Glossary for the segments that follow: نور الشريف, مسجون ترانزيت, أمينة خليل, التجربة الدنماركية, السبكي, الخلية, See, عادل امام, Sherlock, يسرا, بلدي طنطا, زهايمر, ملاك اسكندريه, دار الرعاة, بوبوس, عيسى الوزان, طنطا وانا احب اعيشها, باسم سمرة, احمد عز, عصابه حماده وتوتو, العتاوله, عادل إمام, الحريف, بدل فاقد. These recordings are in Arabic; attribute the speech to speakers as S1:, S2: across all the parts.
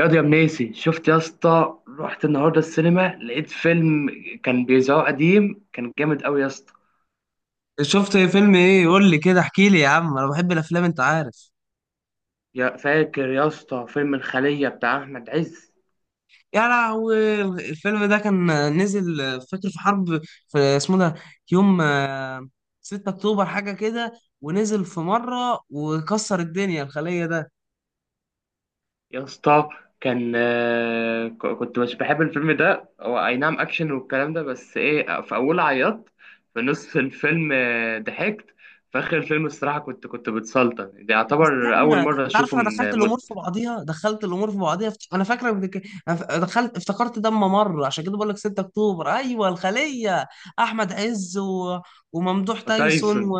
S1: ياض يا منيسي، شفت يا اسطى؟ رحت النهارده السينما لقيت فيلم كان بيذاعوه قديم، كان جامد قوي يا اسطى.
S2: شفت فيلم ايه؟ قول لي كده، احكي لي يا عم. انا بحب الافلام انت عارف.
S1: يا فاكر يا اسطى فيلم الخلية بتاع احمد عز؟
S2: يا لهوي الفيلم ده كان نزل، فاكر في حرب، في اسمه ده، يوم 6 اكتوبر حاجه كده. ونزل في مره وكسر الدنيا، الخليه ده.
S1: يا اسطى كان كنت مش بحب الفيلم ده، هو اي نعم اكشن والكلام ده، بس ايه، في اول عيطت، في نص الفيلم ضحكت، في اخر الفيلم الصراحة كنت بتسلطن. ده
S2: استنى،
S1: يعتبر اول مرة
S2: انت عارف
S1: اشوفه
S2: انا دخلت
S1: من مدة.
S2: الامور في بعضيها دخلت الامور في بعضيها انا فاكره دخلت افتكرت ده اما مر، عشان كده بقول لك 6 اكتوبر، ايوه الخليه. احمد عز و... وممدوح تايسون
S1: تايسون،
S2: و...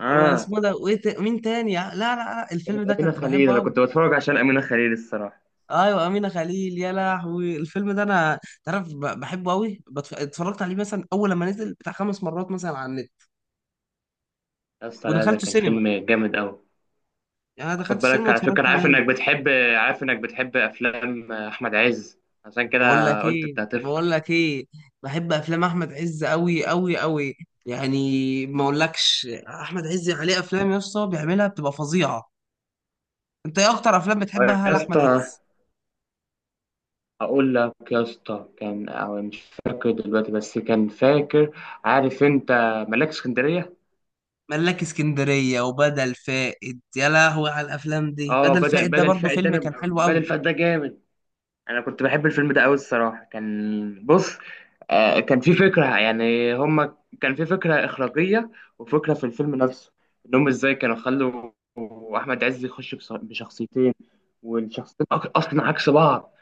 S1: اه.
S2: واسمه ده، وايه مين تاني؟ لا لا لا، الفيلم
S1: كانت
S2: ده
S1: أمينة
S2: كنت
S1: خليل،
S2: بحبه
S1: أنا
S2: قوي.
S1: كنت بتفرج عشان أمينة خليل الصراحة.
S2: ايوه امينه خليل، يا لهوي الفيلم ده انا، تعرف، بحبه قوي. اتفرجت عليه مثلا اول لما نزل بتاع 5 مرات مثلا على النت،
S1: يا اسطى لا، ده
S2: ودخلته
S1: كان
S2: سينما،
S1: فيلم جامد قوي.
S2: يعني انا
S1: خد
S2: دخلت السينما
S1: بالك على فكرة،
S2: واتفرجت
S1: أنا عارف
S2: عليه.
S1: إنك بتحب، عارف إنك بتحب أفلام أحمد عز، عشان
S2: بقول
S1: كده
S2: لك
S1: قلت
S2: ايه
S1: أنت هتفرح.
S2: بقول لك ايه بحب افلام احمد عز قوي قوي قوي، يعني ما اقولكش. احمد عز عليه افلام يا اسطى بيعملها بتبقى فظيعه. انت ايه اكتر افلام
S1: طيب
S2: بتحبها
S1: يا
S2: لاحمد
S1: اسطى،
S2: عز؟
S1: أقول لك يا اسطى كان، أو مش فاكر دلوقتي، بس كان فاكر، عارف أنت ملاك اسكندرية؟
S2: ملاك اسكندريه وبدل فاقد، يا لهوي على الافلام دي.
S1: أه،
S2: بدل
S1: بدل
S2: فاقد ده
S1: بدل
S2: برضه
S1: فاقد،
S2: فيلم كان حلو
S1: بدل
S2: قوي.
S1: فاقد ده جامد. انا كنت بحب الفيلم ده قوي الصراحه. كان بص، كان في فكره يعني، هما كان في فكره اخراجيه وفكره في الفيلم نفسه، انهم ازاي كانوا خلوا احمد عز يخش بشخصيتين، والشخصيتين اصلا عكس بعض.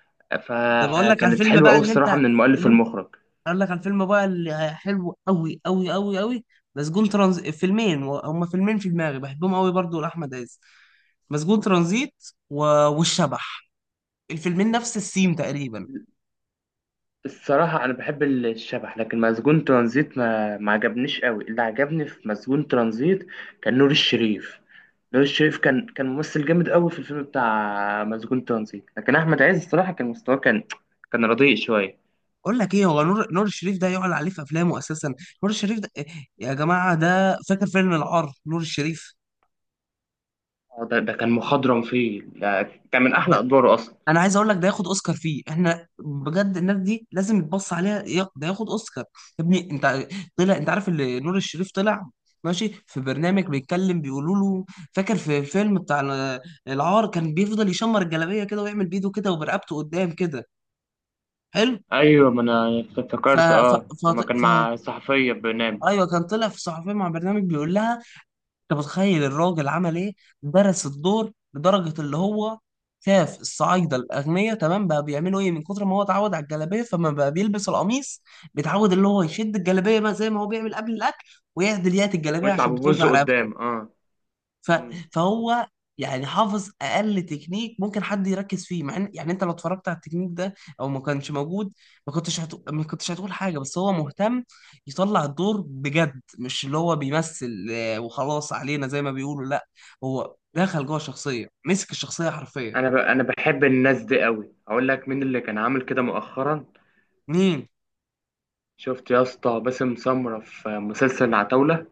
S2: ده بقول لك على
S1: فكانت
S2: الفيلم
S1: حلوه
S2: بقى
S1: قوي
S2: اللي
S1: الصراحه
S2: انت
S1: من المؤلف
S2: اللي انت
S1: والمخرج.
S2: اقول لك على الفيلم بقى حلو قوي قوي قوي قوي. مسجون ترانزيت، هما فيلمين في دماغي بحبهم قوي برضو لاحمد عز. مسجون ترانزيت و... والشبح، الفيلمين نفس السيم تقريبا.
S1: الصراحه انا بحب الشبح، لكن مسجون ترانزيت ما عجبنيش قوي. اللي عجبني في مسجون ترانزيت كان نور الشريف. نور الشريف كان ممثل جامد قوي في الفيلم بتاع مسجون ترانزيت، لكن احمد عز الصراحه كان مستواه كان، كان رديء شويه.
S2: اقول لك ايه، هو نور الشريف ده يعلى عليه في افلامه اساسا. نور الشريف ده يا جماعه ده، فاكر فيلم العار نور الشريف؟
S1: اه ده, ده كان مخضرم فيه، ده كان من احلى ادواره اصلا.
S2: انا عايز اقول لك ده ياخد اوسكار فيه، احنا بجد الناس دي لازم يتبص عليها، ده ياخد اوسكار. يا ابني انت، طلع، انت عارف اللي نور الشريف طلع ماشي في برنامج بيتكلم، بيقولوا له فاكر في الفيلم بتاع العار، كان بيفضل يشمر الجلابيه كده ويعمل بايده كده وبرقبته قدام كده. حلو.
S1: ايوه ما انا
S2: ف...
S1: افتكرت،
S2: ف...
S1: اه
S2: ف...
S1: لما كان
S2: ف...
S1: مع صحفيه بنام،
S2: ايوه كان طلع في صحفيه مع برنامج، بيقول لها انت متخيل الراجل عمل ايه؟ درس الدور لدرجه اللي هو شاف الصعايده الاغنياء تمام بقى بيعملوا ايه، من كتر ما هو اتعود على الجلابيه فما بقى بيلبس القميص، بيتعود اللي هو يشد الجلابيه بقى زي ما هو بيعمل قبل الاكل، ويعدل يات الجلابيه
S1: ويطلع
S2: عشان
S1: ببوز
S2: بتوجع رقبته.
S1: قدام اه.
S2: ف...
S1: مم.
S2: فهو يعني حافظ اقل تكنيك ممكن حد يركز فيه، مع يعني انت لو اتفرجت على التكنيك ده او ما كانش موجود، ما كنتش هتقول، ما كنتش هتقول حاجه، بس هو مهتم يطلع الدور بجد، مش اللي هو بيمثل وخلاص علينا زي ما بيقولوا، لا، هو دخل جوه الشخصيه، مسك الشخصيه حرفيا.
S1: انا انا بحب الناس دي قوي. هقول لك مين اللي كان عامل كده مؤخرا،
S2: مين؟
S1: شفت يا اسطى باسم سمره في مسلسل العتاوله؟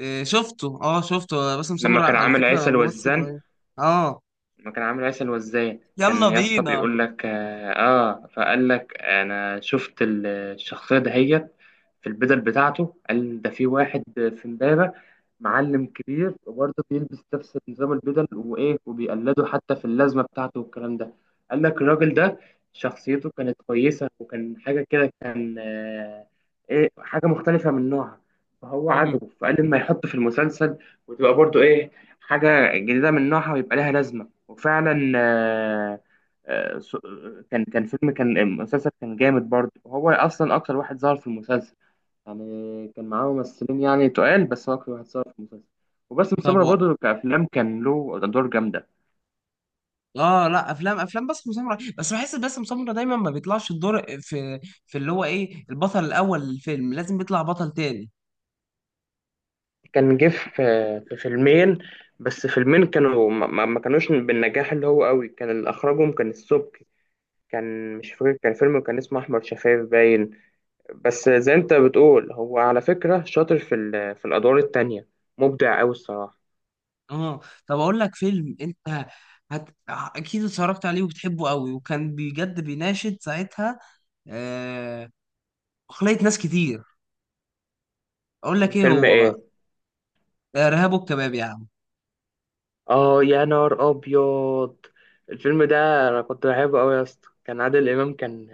S2: آه، شفته، اه شفته، آه، باسم
S1: لما
S2: سمرة
S1: كان
S2: على
S1: عامل
S2: فكره
S1: عيسى
S2: ممثل
S1: الوزان،
S2: رهيب. اه،
S1: ما كان عامل عسل، وازاي
S2: يلا
S1: كان يا اسطى
S2: بينا.
S1: بيقول لك اه، فقال لك انا شفت الشخصيه دهيت في البدل بتاعته، قال ده في واحد في امبابه معلم كبير وبرضه بيلبس نفس نظام البدل وايه، وبيقلده حتى في اللازمه بتاعته والكلام ده. قال لك الراجل ده شخصيته كانت كويسه، وكان حاجه كده كان آه، ايه، حاجه مختلفه من نوعها. فهو
S2: مم.
S1: عجبه فقال لما يحطه في المسلسل، وتبقى برضه ايه، حاجه جديده من نوعها ويبقى لها لازمه. وفعلا آه، س- كان فيلم، كان مسلسل كان جامد برضه. هو اصلا اكتر واحد ظهر في المسلسل، يعني كان معاه ممثلين يعني تقال، بس هو اكتر واحد ظهر في المسلسل. وباسم
S2: طب،
S1: سمرة برضه كأفلام كان له أدوار جامدة.
S2: اه، لا، افلام باسم سمرة، بس بحس باسم سمرة دايما ما بيطلعش الدور في في اللي هو ايه، البطل الاول للفيلم، لازم بيطلع بطل تاني.
S1: كان جه في، في فيلمين، بس فيلمين كانوا ما, ما ما كانوش بالنجاح اللي هو قوي، كان اللي أخرجهم كان السبكي. كان مش فاكر، كان فيلم كان اسمه أحمر شفايف باين. بس زي انت بتقول، هو على فكرة شاطر في في الأدوار التانية، مبدع أوي الصراحة.
S2: اه. طب اقول لك فيلم انت اكيد اتفرجت عليه وبتحبه قوي، وكان بجد بيناشد ساعتها آه... عقلية ناس كتير. اقول
S1: كان
S2: لك ايه
S1: فيلم
S2: هو بقى،
S1: إيه؟
S2: ارهاب والكباب يا عم.
S1: آه يا نار أبيض، الفيلم ده أنا كنت بحبه أوي يا اسطى. كان عادل إمام كان،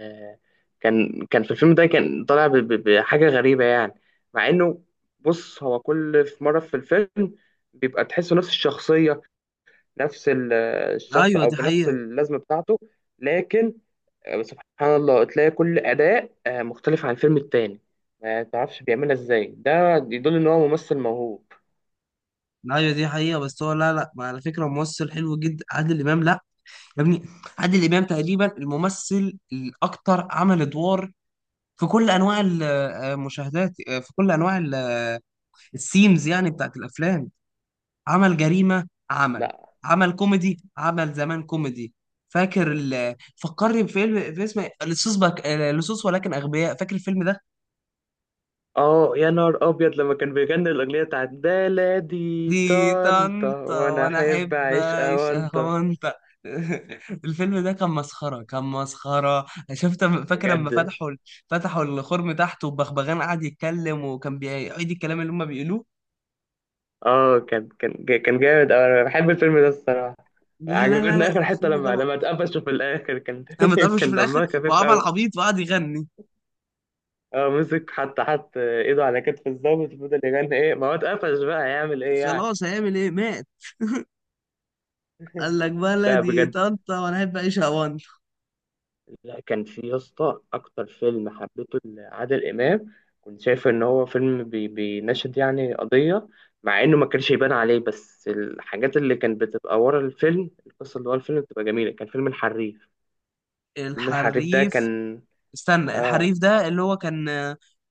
S1: كان في الفيلم ده كان طالع بحاجة غريبة يعني، مع إنه، بص هو كل في مرة في الفيلم بيبقى تحسه نفس الشخصية، نفس الشخص
S2: ايوه
S1: أو
S2: دي
S1: بنفس
S2: حقيقة.
S1: اللازمة بتاعته. لكن بس سبحان الله تلاقي كل أداء مختلف عن الفيلم التاني. ما تعرفش بيعملها ازاي، ده يدل ان هو ممثل موهوب.
S2: ايوه دي حقيقة، بس هو، لا لا، ما على فكرة ممثل حلو جدا عادل امام، لا. يا ابني، عادل امام تقريبا الممثل الاكتر عمل ادوار في كل انواع المشاهدات، في كل انواع السيمز يعني بتاعت الافلام. عمل جريمه، عمل
S1: لا.
S2: عمل كوميدي، عمل زمان كوميدي. فاكر فكرني بفيلم في اسم لصوص بك... آه، لصوص ولكن اغبياء، فاكر الفيلم ده؟
S1: اه يا نهار ابيض، لما كان بيغني الاغنيه بتاعت بلدي
S2: دي
S1: طنطا
S2: طنطا
S1: وانا
S2: وانا
S1: احب
S2: احب
S1: اعيش
S2: اعيش
S1: اوانطا.
S2: اهونت. الفيلم ده كان مسخره، كان مسخره. شفت، فاكر لما
S1: بجد،
S2: فتحوا الخرم تحت والبغبغان قعد يتكلم، وكان بيعيد الكلام اللي هم بيقولوه؟
S1: اه كان جامد أوي. انا بحب الفيلم ده الصراحه.
S2: لا لا لا
S1: عجبتني
S2: لا،
S1: اخر حته لما لما اتقفشوا في الاخر كان
S2: اما اتقفش
S1: كان
S2: في الاخر
S1: دمها خفيف
S2: وعمل
S1: قوي.
S2: عبيط وقعد يغني.
S1: اه مسك، حتى حط ايده على كتف الضابط وفضل يغني ايه، ما هو اتقفش بقى، هيعمل ايه يعني؟
S2: خلاص هيعمل ايه، مات. قال لك
S1: لا
S2: بلدي
S1: بجد،
S2: طنطا وانا احب اعيشها وان.
S1: لا كان في يا اسطى اكتر فيلم حبيته لعادل امام، كنت شايف ان هو فيلم بي بيناشد يعني قضيه، مع انه ما كانش يبان عليه، بس الحاجات اللي كانت بتبقى ورا الفيلم، القصه اللي ورا الفيلم بتبقى جميله، كان فيلم الحريف. فيلم الحريف ده
S2: الحريف.
S1: كان
S2: استنى،
S1: آه،
S2: الحريف ده اللي هو كان،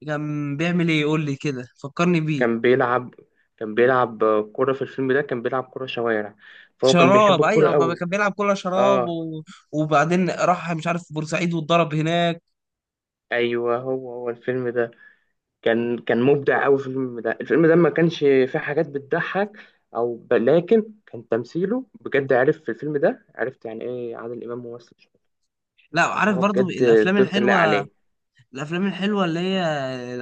S2: كان بيعمل ايه؟ قول لي كده فكرني بيه.
S1: كان بيلعب كان بيلعب كرة في الفيلم ده، كان بيلعب كرة شوارع، فهو كان بيحب
S2: شراب،
S1: الكرة
S2: ايوه بابا،
S1: قوي.
S2: كان بيلعب كلها شراب
S1: اه
S2: و... وبعدين راح مش عارف بورسعيد واتضرب هناك.
S1: ايوه هو هو الفيلم ده، كان مبدع قوي في الفيلم ده. الفيلم ده ما كانش فيه حاجات بتضحك لكن كان تمثيله بجد، عرف في الفيلم ده، عرفت يعني ايه عادل امام ممثل شاطر.
S2: لا،
S1: يعني
S2: عارف
S1: هو
S2: برضو
S1: بجد
S2: الافلام
S1: الدور كان لايق
S2: الحلوه،
S1: عليه.
S2: الافلام الحلوه اللي هي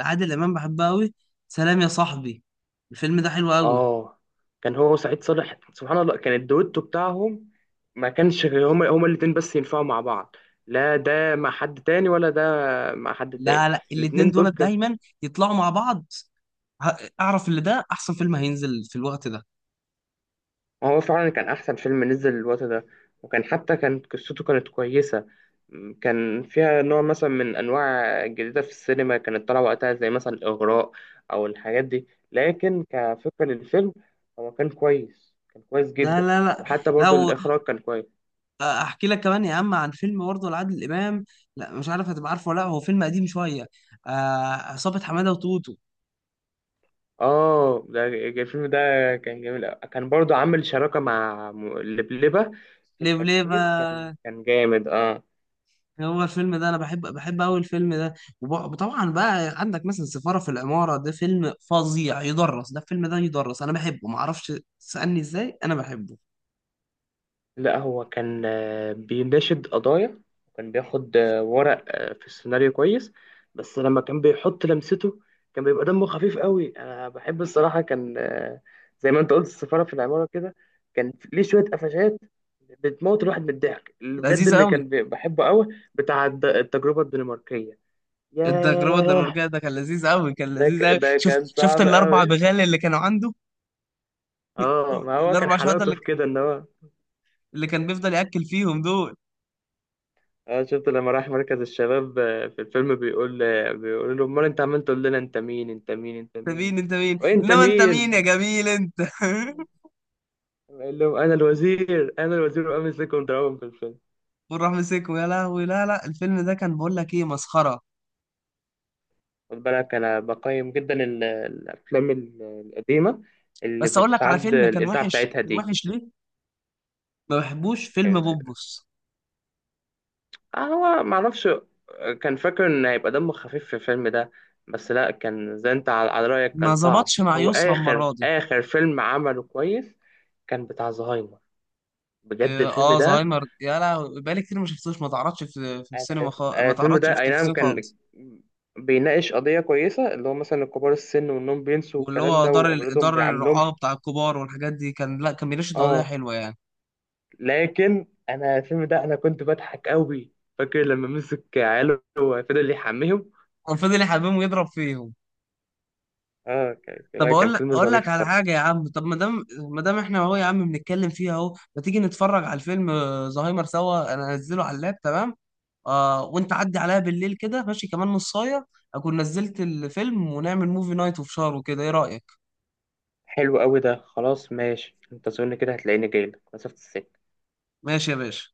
S2: عادل امام بحبها قوي، سلام يا صاحبي، الفيلم ده حلو قوي.
S1: اه كان هو وسعيد صالح، سبحان الله كان الدويتو بتاعهم، ما كانش غير هما الاتنين بس ينفعوا مع بعض، لا ده مع حد تاني ولا ده مع حد تاني.
S2: لا لا، الاتنين
S1: الاتنين
S2: دول
S1: دول
S2: دايما يطلعوا مع بعض. اعرف اللي ده احسن فيلم هينزل في الوقت ده.
S1: هو فعلا كان أحسن فيلم نزل الوقت ده، وكان حتى كانت قصته كانت كويسة. كان فيها نوع مثلا من أنواع جديدة في السينما كانت طالعة وقتها، زي مثلا الإغراء أو الحاجات دي، لكن كفكرة للفيلم، هو كان كويس، كان كويس
S2: ده
S1: جدا.
S2: لا لا،
S1: وحتى برضو
S2: لو
S1: الإخراج كان كويس.
S2: احكي لك كمان يا عم عن فيلم برضه لعادل امام، لا مش عارف هتبقى عارفه ولا لا، هو فيلم قديم شويه، آه، عصابه حماده وتوتو.
S1: آه الفيلم ده كان جميل أوي. كان برضو عامل شراكة مع لبلبة في
S2: ليه ليه
S1: التمثيل، كان
S2: بقى؟
S1: كان جامد آه.
S2: هو الفيلم ده انا بحب قوي الفيلم ده، وطبعا بقى عندك مثلا سفاره في العماره، ده فيلم فظيع يدرس، ده الفيلم ده يدرس، انا بحبه ما اعرفش، تسالني ازاي انا بحبه.
S1: لا هو كان بيناشد قضايا، وكان بياخد ورق في السيناريو كويس، بس لما كان بيحط لمسته كان بيبقى دمه خفيف قوي. انا بحب الصراحة كان زي ما انت قلت السفارة في العمارة كده، كان ليه شوية قفشات بتموت الواحد من الضحك، اللي بجد
S2: لذيذ
S1: اللي
S2: قوي.
S1: كان بحبه قوي بتاع التجربة الدنماركية،
S2: التجربة
S1: ياه.
S2: الدنماركية ده كان لذيذ قوي، كان لذيذ قوي.
S1: ده
S2: شفت
S1: كان
S2: شفت
S1: صعب
S2: الأربع
S1: قوي.
S2: بغال اللي كانوا عنده؟
S1: اه ما هو كان
S2: الأربع شهادة
S1: حلاوته
S2: اللي,
S1: في كده، ان هو،
S2: اللي كان بيفضل يأكل فيهم دول.
S1: اه شفت لما راح مركز الشباب في الفيلم بيقول بيقول له امال انت عمال تقول لنا انت مين انت مين انت
S2: أنت
S1: مين
S2: مين، أنت مين،
S1: وانت
S2: إنما أنت مين يا
S1: مين،
S2: جميل أنت.
S1: قال لهم انا الوزير انا الوزير، وامسكهم ضربهم في الفيلم.
S2: وراح مسكه، يا لهوي. لا لا، الفيلم ده كان، بقول لك إيه، مسخرة.
S1: خد بالك انا بقيم جدا الافلام القديمه اللي
S2: بس أقول لك على
S1: بتتعد
S2: فيلم كان
S1: الاذاعه
S2: وحش،
S1: بتاعتها
S2: كان
S1: دي.
S2: وحش. ليه؟ ما بحبوش فيلم
S1: يعني،
S2: بوبوس،
S1: هو معرفش، كان فاكر ان هيبقى دمه خفيف في الفيلم ده، بس لا كان زي انت على على رايك كان
S2: ما
S1: صعب.
S2: ظبطش مع
S1: هو
S2: يسرا
S1: اخر
S2: المرة دي.
S1: اخر فيلم عمله كويس كان بتاع زهايمر، بجد
S2: اه،
S1: الفيلم ده.
S2: زهايمر، يا لهوي بقالي كتير ما شفتوش، ما تعرضش في في
S1: انا
S2: السينما خالص،
S1: أنا
S2: ما
S1: الفيلم
S2: تعرضش في
S1: ده اي نعم
S2: التلفزيون
S1: كان
S2: خالص.
S1: بيناقش قضية كويسة، اللي هو مثلا كبار السن، وانهم بينسوا
S2: واللي
S1: الكلام
S2: هو
S1: ده واولادهم
S2: دار
S1: بيعاملوهم،
S2: الرعاة بتاع الكبار والحاجات دي، كان لا، كان بيناقش قضايا
S1: اه.
S2: حلوة يعني.
S1: لكن انا الفيلم ده انا كنت بضحك قوي، فاكر لما مسك عياله وفضل يحميهم.
S2: كان فضل يحبهم ويضرب فيهم.
S1: اه كان،
S2: طب
S1: لا كان
S2: اقول لك،
S1: فيلم
S2: اقول
S1: ظريف
S2: لك على
S1: الصراحة.
S2: حاجة يا عم. طب ما دام احنا اهو يا عم بنتكلم فيها اهو، ما تيجي نتفرج على الفيلم زهايمر سوا؟ انا هنزله على اللاب، تمام؟ وانت عدي عليا بالليل كده، ماشي، كمان نصاية اكون نزلت الفيلم، ونعمل موفي نايت اوف شار وكده. ايه رأيك؟
S1: حلو قوي، ده خلاص ماشي، انت زورني كده هتلاقيني جايلك مسافة السكة.
S2: ماشي يا باشا.